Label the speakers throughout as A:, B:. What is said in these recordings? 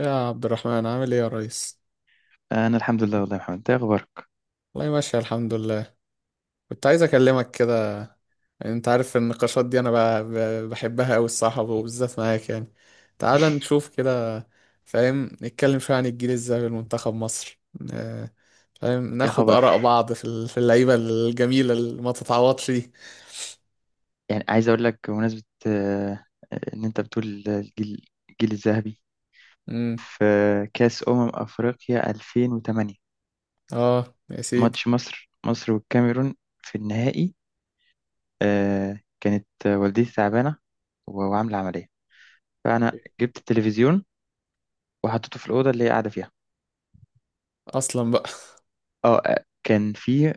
A: يا عبد الرحمن عامل ايه يا ريس؟
B: انا الحمد لله. والله يا محمد، انت إيه اخبارك؟
A: والله ماشي الحمد لله. كنت عايز اكلمك كده. يعني انت عارف النقاشات دي انا بحبها قوي الصراحه وبالذات معاك يعني. تعال نشوف كده. فاهم نتكلم شويه عن الجيل الذهبي لمنتخب مصر. آه، فاهم
B: ايه
A: ناخد
B: خبر؟
A: اراء بعض في اللعيبه الجميله اللي ما تتعوضش دي.
B: يعني عايز اقول لك بمناسبه ان انت بتقول الجيل الذهبي
A: امم.
B: في كاس افريقيا 2008،
A: اه يا سيدي.
B: ماتش مصر والكاميرون في النهائي. كانت والدتي تعبانه و- وعامله عمليه. فانا جبت التلفزيون وحطيته في الاوضه اللي هي قاعده فيها.
A: اصلا بقى.
B: كان في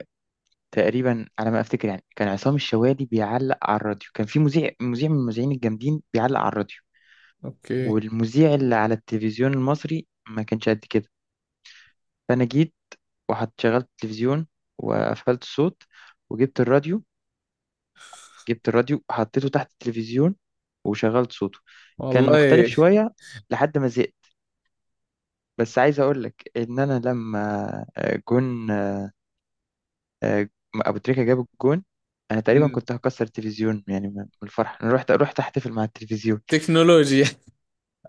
B: تقريبا على ما افتكر يعني كان عصام الشوالي بيعلق على الراديو. كان في مذيع من المذيعين الجامدين بيعلق على الراديو،
A: اوكي.
B: والمذيع اللي على التلفزيون المصري ما كانش قد كده. فأنا جيت وحط شغلت التلفزيون، وقفلت الصوت، وجبت الراديو جبت الراديو وحطيته تحت التلفزيون وشغلت صوته. كان مختلف
A: والله.
B: شوية لحد ما زهقت. بس عايز أقول لك إن أنا لما جون، آه، أبو تريكة جاب الجون، أنا تقريبا
A: مم.
B: كنت هكسر التلفزيون يعني من الفرح. أنا رحت أحتفل مع التلفزيون.
A: تكنولوجيا.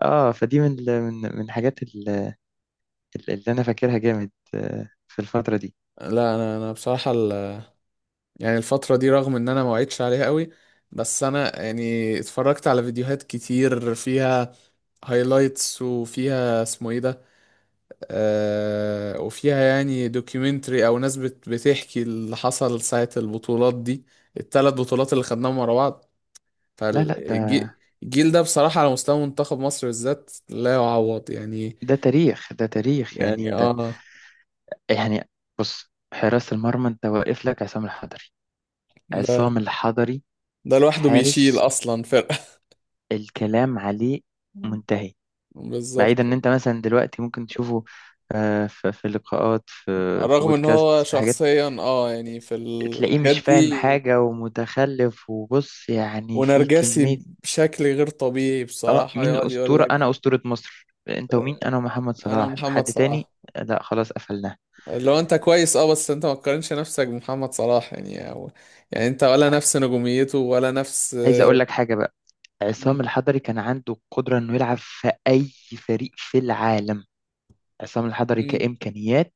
B: آه، فدي من من الحاجات اللي أنا فاكرها جامد في الفترة دي.
A: لا، انا بصراحه يعني الفترة دي رغم ان انا ما وعدتش عليها قوي، بس انا يعني اتفرجت على فيديوهات كتير فيها هايلايتس وفيها اسمه ايه ده، آه، وفيها يعني دوكيومنتري او ناس بتحكي اللي حصل ساعة البطولات دي، الثلاث بطولات اللي خدناهم ورا بعض.
B: لا لا ده
A: فالجيل ده بصراحة على مستوى منتخب مصر بالذات لا يعوض يعني.
B: ده تاريخ، ده تاريخ. يعني
A: يعني
B: انت،
A: اه.
B: يعني بص، حراسة المرمى انت واقف لك عصام الحضري.
A: ده
B: عصام الحضري
A: ده لوحده بيشيل
B: حارس
A: اصلا فرقة.
B: الكلام عليه منتهي.
A: بالظبط.
B: بعيدا ان انت مثلا دلوقتي ممكن تشوفه في لقاءات، في في
A: رغم ان
B: بودكاست،
A: هو
B: في حاجات.
A: شخصيا اه يعني في
B: تلاقيه
A: الحاجات
B: مش فاهم
A: دي.
B: حاجة ومتخلف، وبص يعني في
A: ونرجسي
B: كمية.
A: بشكل غير طبيعي
B: اه،
A: بصراحة،
B: مين
A: يقعد يقول
B: الأسطورة؟
A: لك،
B: انا أسطورة مصر. انت ومين؟
A: آه،
B: انا ومحمد
A: انا
B: صلاح،
A: محمد
B: حد
A: صلاح.
B: تاني؟ لا خلاص قفلناه.
A: لو انت كويس اه، بس انت ما تقارنش نفسك بمحمد صلاح يعني، أو يعني انت ولا نفس نجوميته ولا نفس.
B: عايز اقول لك حاجة بقى،
A: مم.
B: عصام الحضري كان عنده القدرة إنه يلعب في أي فريق في العالم. عصام الحضري
A: مم.
B: كإمكانيات،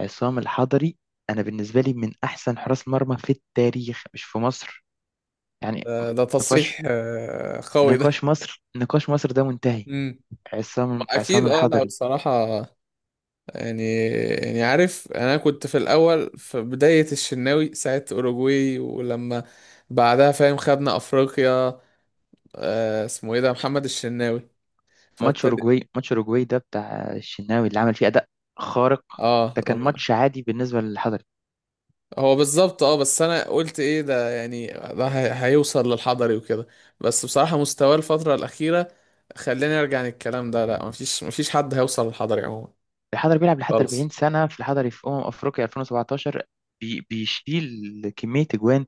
B: عصام الحضري أنا بالنسبة لي من أحسن حراس مرمى في التاريخ، مش في مصر يعني.
A: ده
B: نقاش،
A: تصريح قوي ده.
B: نقاش مصر، نقاش مصر ده منتهي.
A: مم. ما
B: عصام
A: اكيد اه. لا
B: الحضري.
A: بصراحة يعني. يعني عارف، انا كنت في الاول في بداية الشناوي ساعة اوروجواي، ولما بعدها فاهم خدنا افريقيا، آه اسمه ايه ده، محمد الشناوي. فابتدي
B: ماتش أوروجواي ده بتاع الشناوي اللي عمل فيه أداء خارق،
A: اه.
B: ده كان
A: لما
B: ماتش عادي بالنسبة للحضري.
A: هو بالظبط اه، بس انا قلت ايه ده، يعني ده هيوصل للحضري وكده. بس بصراحة مستواه الفترة الأخيرة خلاني ارجع عن الكلام ده. لا، مفيش حد هيوصل للحضري عموما
B: الحضري بيلعب لحد 40
A: خالص.
B: سنة. في الحضري في أمم أفريقيا 2017 بيشيل كمية أجوان.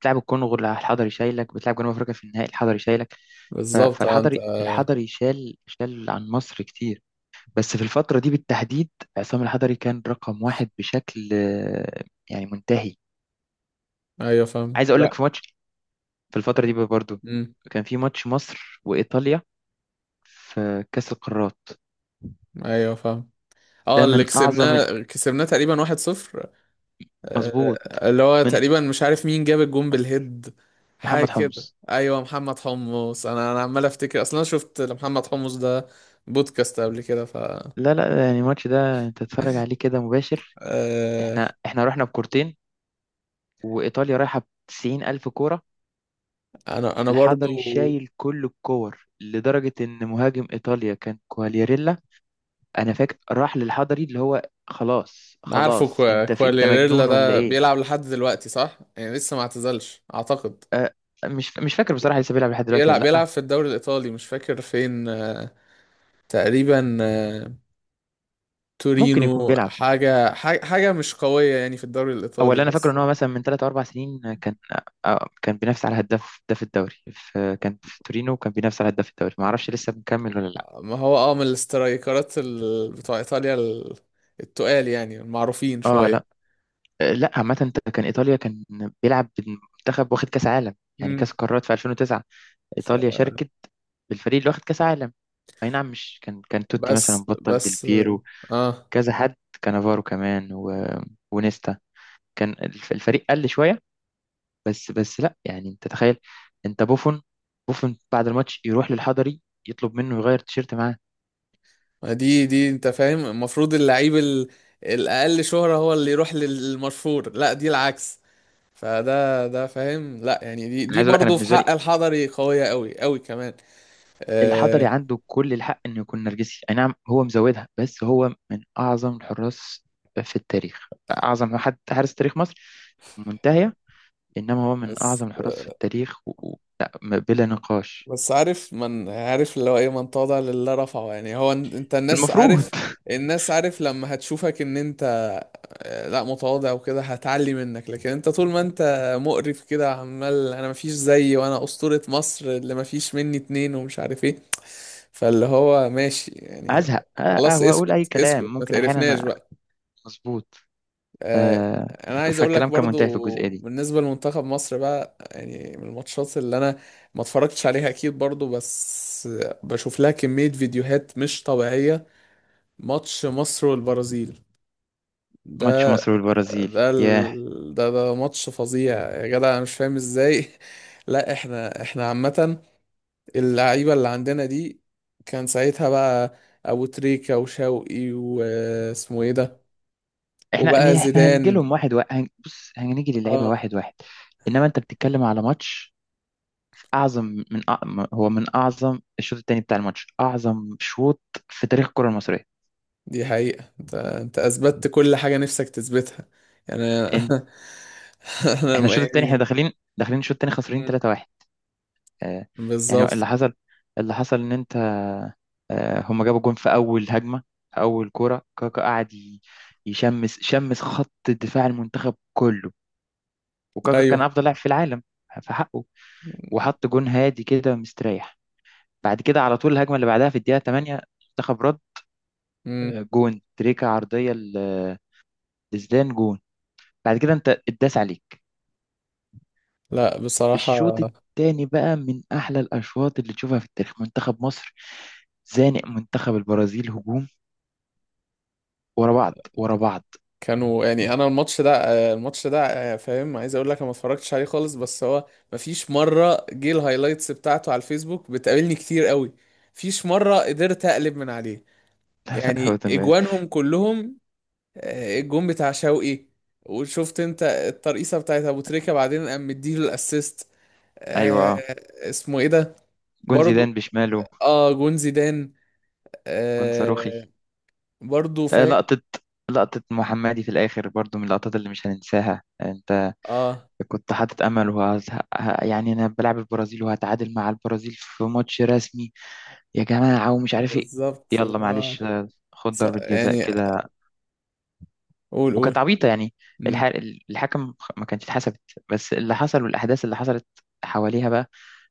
B: بتلعب الكونغو، الحضري شايلك. بتلعب جنوب افريقيا في النهائي، الحضري شايلك. ف-
A: بالظبط اه. انت
B: فالحضري، الحضري شال شال عن مصر كتير. بس في الفترة دي بالتحديد عصام الحضري كان رقم واحد، بشكل يعني منتهي.
A: ايوه فاهم.
B: عايز اقول لك
A: لا.
B: في ماتش في الفترة دي برضو،
A: امم.
B: كان في ماتش مصر وإيطاليا في كأس القارات.
A: ايوه فاهم. اه،
B: ده
A: اللي
B: من أعظم
A: كسبناه تقريبا واحد صفر.
B: مظبوط.
A: آه، اللي هو
B: من
A: تقريبا مش عارف مين جاب الجون بالهيد، حاجة
B: محمد
A: كده.
B: حمص،
A: ايوه، محمد حمص. انا عمال افتكر، اصلا انا شفت محمد حمص ده بودكاست قبل كده، ف
B: لا لا. يعني الماتش ده انت تتفرج عليه كده مباشر.
A: آه،
B: احنا رحنا بكورتين، وإيطاليا رايحة بتسعين ألف كورة.
A: انا برضو
B: الحضري شايل كل الكور لدرجة إن مهاجم إيطاليا كان كوالياريلا. أنا فاكر راح للحضري، اللي هو خلاص
A: عارفه.
B: خلاص أنت في، أنت
A: كواليريلا
B: مجنون ولا
A: ده
B: إيه؟
A: بيلعب لحد دلوقتي صح؟ يعني لسه ما اعتزلش اعتقد.
B: أه، مش فاكر بصراحة لسه بيلعب لحد دلوقتي ولا
A: بيلعب، بيلعب
B: لأ.
A: في الدوري الايطالي، مش فاكر فين، تقريبا
B: ممكن يكون
A: تورينو
B: بيلعب،
A: حاجة، حاجة مش قوية يعني في الدوري
B: أو
A: الإيطالي
B: اللي أنا فاكره
A: بس.
B: إن هو مثلا من ثلاث أو أربع سنين كان كان بينافس على هداف الدوري. في كان في تورينو وكان بينافس على هداف الدوري، ما اعرفش لسه مكمل ولا لا.
A: ما هو اه من الاسترايكرات ال... بتوع إيطاليا ال... التقال يعني المعروفين
B: اه.
A: شوية.
B: لا. لا عامه انت، كان ايطاليا كان بيلعب بالمنتخب واخد كاس عالم يعني، كاس
A: مم.
B: قارات في 2009.
A: ف...
B: ايطاليا شاركت بالفريق اللي واخد كاس عالم. اي نعم، مش كان توتي مثلا،
A: بس
B: بطل ديل
A: بس
B: بيرو،
A: اه.
B: كذا حد، كانافارو كمان، و... ونيستا كان الفريق قل شويه. بس بس لا يعني انت تخيل، انت بوفون، بعد الماتش يروح للحضري يطلب منه يغير تيشيرت معاه.
A: ما دي انت فاهم، المفروض اللعيب ال... الأقل شهرة هو اللي يروح للمشهور، لا دي العكس. فده ده فاهم، لا يعني دي
B: انا
A: دي
B: عايز اقول لك، انا
A: برضه في
B: بالنسبه
A: حق
B: لي
A: الحضري قوية قوي قوي كمان.
B: الحضري
A: آه.
B: عنده كل الحق انه يكون نرجسي، اي نعم هو مزودها، بس هو من اعظم الحراس في التاريخ. اعظم حد، حارس تاريخ مصر منتهيه، انما هو من
A: بس
B: اعظم الحراس في التاريخ. لا بلا نقاش.
A: بس عارف، من عارف اللي هو ايه، من تواضع لله رفعه. يعني هو انت الناس
B: المفروض
A: عارف، الناس عارف لما هتشوفك ان انت لا متواضع وكده، هتعلي منك، لكن انت طول ما انت مقرف كده عمال انا مفيش زيي، وانا اسطورة مصر اللي مفيش مني اتنين، ومش عارف ايه، فاللي هو ماشي يعني.
B: ازهق أه،
A: خلاص
B: واقول اي
A: اسكت اسكت
B: كلام
A: ما
B: ممكن
A: تقرفناش
B: احيانا
A: بقى.
B: مظبوط.
A: آه،
B: أه،
A: انا عايز اقول
B: فالكلام
A: لك
B: كان منتهي في
A: برضو
B: الجزئيه دي.
A: بالنسبه لمنتخب مصر بقى، يعني من الماتشات اللي انا ما اتفرجتش عليها اكيد برضو، بس بشوف لها كميه فيديوهات مش طبيعيه، ماتش مصر والبرازيل
B: ماتش
A: ده.
B: مصر والبرازيل،
A: ده
B: ياه.
A: ال... ده ماتش فظيع يا جدع، انا مش فاهم ازاي. لا احنا، احنا عامه اللعيبه اللي عندنا دي، كان ساعتها بقى ابو تريكه وشوقي واسمه ايه ده،
B: احنا
A: وبقى
B: احنا هنجي
A: زيدان.
B: لهم واحد واحد، بص هنيجي للعيبه
A: اه.
B: واحد واحد. انما انت بتتكلم على ماتش اعظم، من أع... هو من اعظم، الشوط الثاني بتاع الماتش اعظم شوط في تاريخ الكره المصريه.
A: دي حقيقة، انت انت اثبتت كل حاجة نفسك تثبتها يعني
B: إن...
A: انا. انا
B: احنا الشوط الثاني احنا
A: يعني.
B: داخلين، داخلين الشوط الثاني خسرانين
A: مم.
B: 3-1. آه، يعني اللي
A: بالظبط.
B: حصل، اللي حصل ان انت آه، هما جابوا جون في اول هجمه، في اول كوره كاكا قعد يشمس، شمس خط دفاع المنتخب كله. وكاكا كان
A: ايوه.
B: افضل لاعب في العالم في حقه، وحط جون هادي كده مستريح. بعد كده على طول الهجمه اللي بعدها في الدقيقه 8 منتخب رد.
A: مم.
B: جون تريكا عرضيه لزدان جون. بعد كده انت اتداس عليك.
A: لا
B: الشوط
A: بصراحة
B: التاني بقى من احلى الاشواط اللي تشوفها في التاريخ. منتخب مصر زانق منتخب البرازيل هجوم ورا بعض، ورا بعض.
A: كانوا يعني. انا الماتش ده الماتش ده آه، فاهم، عايز اقول لك انا ما اتفرجتش عليه خالص، بس هو مفيش مرة جه الهايلايتس بتاعته على الفيسبوك، بتقابلني كتير قوي، مفيش مرة قدرت اقلب من عليه،
B: لا هو
A: يعني
B: تمام.
A: اجوانهم كلهم، آه، الجون بتاع شوقي، وشفت انت الترقيصه بتاعت ابو تريكه، بعدين قام مديله الاسيست، آه
B: ايوه أه.
A: اسمه ايه ده
B: جون
A: برضو.
B: زيدان بشماله،
A: اه جون زيدان.
B: جون صاروخي.
A: آه برضو فاهم.
B: لقطة، لقطة محمدي في الآخر برضو من اللقطات اللي مش هننساها. أنت
A: اه
B: كنت حاطط أمل يعني أنا بلعب البرازيل وهتعادل مع البرازيل في ماتش رسمي يا جماعة، ومش عارف إيه.
A: بالظبط
B: يلا
A: اللي هو
B: معلش خد ضربة جزاء
A: يعني
B: كده،
A: قول قول.
B: وكانت عبيطة يعني. الح...
A: مم.
B: الحكم ما كانتش اتحسبت، بس اللي حصل والأحداث اللي حصلت حواليها بقى.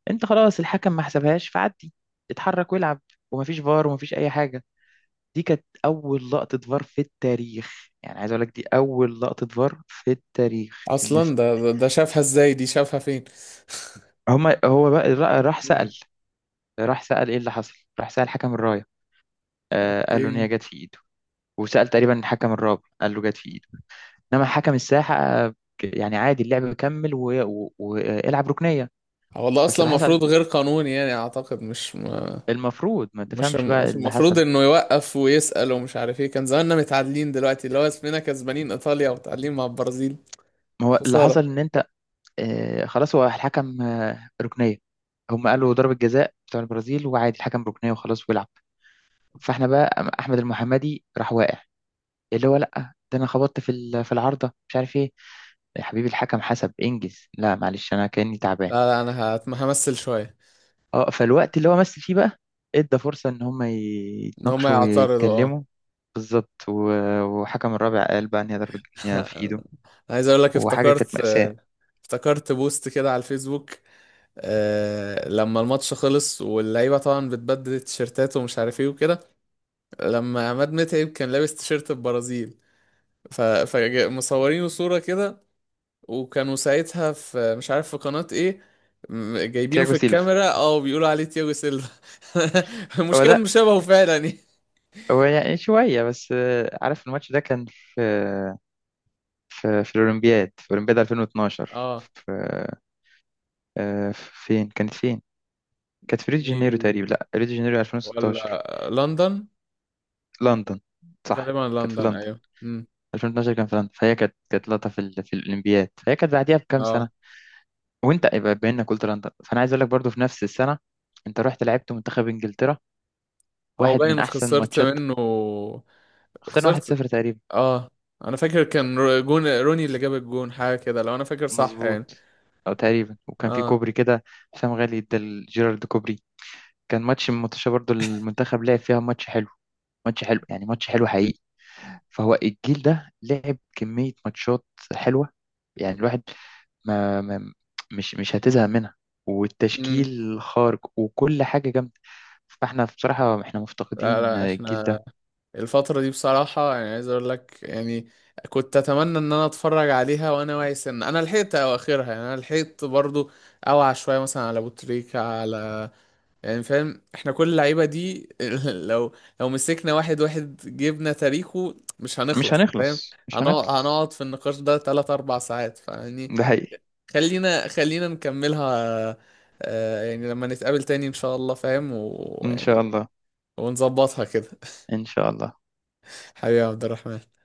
B: انت خلاص الحكم ما حسبهاش فعدي، اتحرك والعب، ومفيش فار ومفيش اي حاجه. دي كانت اول لقطه فار في التاريخ. يعني عايز اقول لك دي اول لقطه فار في التاريخ.
A: اصلا ده شافها ازاي، دي شافها فين؟
B: هما، راح
A: مم.
B: سأل، راح سأل ايه اللي حصل. راح سأل حكم الرايه، آه قال له ان هي
A: اوكي.
B: جت في ايده. وسأل تقريبا الحكم الرابع قال له جت في ايده، انما حكم الساحه يعني عادي اللعب كمل والعب ركنيه.
A: آه، والله
B: بس
A: اصلا
B: اللي حصل،
A: المفروض غير قانوني يعني اعتقد، مش ما.
B: المفروض ما
A: مش
B: تفهمش بقى اللي
A: المفروض
B: حصل.
A: انه يوقف ويسأل ومش عارف ايه؟ كان زماننا متعادلين دلوقتي، اللي هو اسمنا كسبانين ايطاليا ومتعادلين مع البرازيل.
B: ما هو اللي حصل
A: خسارة.
B: ان انت خلاص هو الحكم ركنيه. هم قالوا ضربة جزاء بتاع البرازيل، وعادي الحكم ركنيه وخلاص ويلعب. فاحنا بقى، احمد المحمدي راح واقع، اللي هو لا ده انا خبطت في في العارضه مش عارف ايه. يا حبيبي الحكم حسب انجز، لا معلش انا كاني تعبان.
A: لا لا انا همثل شوية.
B: اه، فالوقت اللي هو مثل فيه بقى، ادى فرصه ان هم
A: ان هم
B: يتناقشوا
A: يعترضوا اه.
B: ويتكلموا. بالظبط. و- وحكم الرابع قال بقى ان هي ضربه جزاء في
A: انا
B: ايده،
A: عايز اقول لك،
B: وحاجه كانت
A: افتكرت،
B: مأساة.
A: افتكرت بوست كده على الفيسبوك، آه، لما الماتش خلص واللعيبه طبعا بتبدل تيشيرتات ومش عارف ايه وكده، لما عماد متعب كان لابس تيشيرت البرازيل، فمصورينه صوره كده، وكانوا ساعتها في مش عارف في قناه ايه، جايبينه
B: تياجو
A: في
B: سيلفا،
A: الكاميرا اه بيقولوا عليه تياجو سيلفا.
B: هو
A: المشكله انه
B: ده.
A: شبهه فعلا يعني.
B: هو يعني شوية بس. عارف الماتش ده كان في في الأولمبياد، في أولمبياد 2012.
A: اه.
B: في آه، فين كانت فين؟ كانت في ريو دي جانيرو تقريبا.
A: دي-
B: لا، ريو دي جانيرو 2016.
A: ولا لندن؟
B: لندن؟ صح،
A: غالبا
B: كانت في
A: لندن
B: لندن.
A: ايوه. امم.
B: 2012 كان في لندن، فهي كانت، كانت لقطة في الأولمبياد، فهي كانت بعديها بكام سنة.
A: اه.
B: وأنت يبقى بما إنك قلت لندن، فأنا عايز أقول لك برضو في نفس السنة أنت رحت لعبت منتخب إنجلترا،
A: او
B: واحد من
A: باين
B: أحسن
A: خسرت
B: ماتشات.
A: منه.
B: خسرنا
A: خسرت
B: 1-0 تقريبا.
A: اه. انا فاكر كان جون روني اللي جاب الجون، حاجه كده لو انا فاكر صح يعني.
B: مظبوط. اه تقريبا، وكان في
A: اه.
B: كوبري كده، حسام غالي ادى لجيرارد كوبري. كان ماتش من ماتش برضو، المنتخب لعب فيها ماتش حلو، يعني ماتش حلو حقيقي. فهو الجيل ده لعب كمية ماتشات حلوة، يعني الواحد ما, ما مش مش هتزهق منها.
A: امم.
B: والتشكيل خارج وكل حاجة جامدة. فاحنا بصراحة احنا
A: لا
B: مفتقدين
A: لا
B: الجيل ده.
A: احنا الفتره دي بصراحه، يعني عايز اقول لك يعني، كنت اتمنى ان انا اتفرج عليها وانا واعي سن، انا لحقت اواخرها، يعني انا لحقت برضو اوعى شويه مثلا على ابو تريكه على، يعني فاهم احنا كل اللعيبه دي. لو لو مسكنا واحد واحد جبنا تاريخه مش هنخلص، فاهم؟
B: مش
A: هنقعد
B: هنخلص،
A: هنقعد في النقاش ده 3 4 ساعات فيعني.
B: ده حقيقي.
A: خلينا نكملها، آه، يعني لما نتقابل تاني ان شاء الله فاهم
B: ان شاء
A: ويعني
B: الله،
A: ونظبطها كده.
B: ان شاء الله.
A: حبيبي يا عبد الرحمن.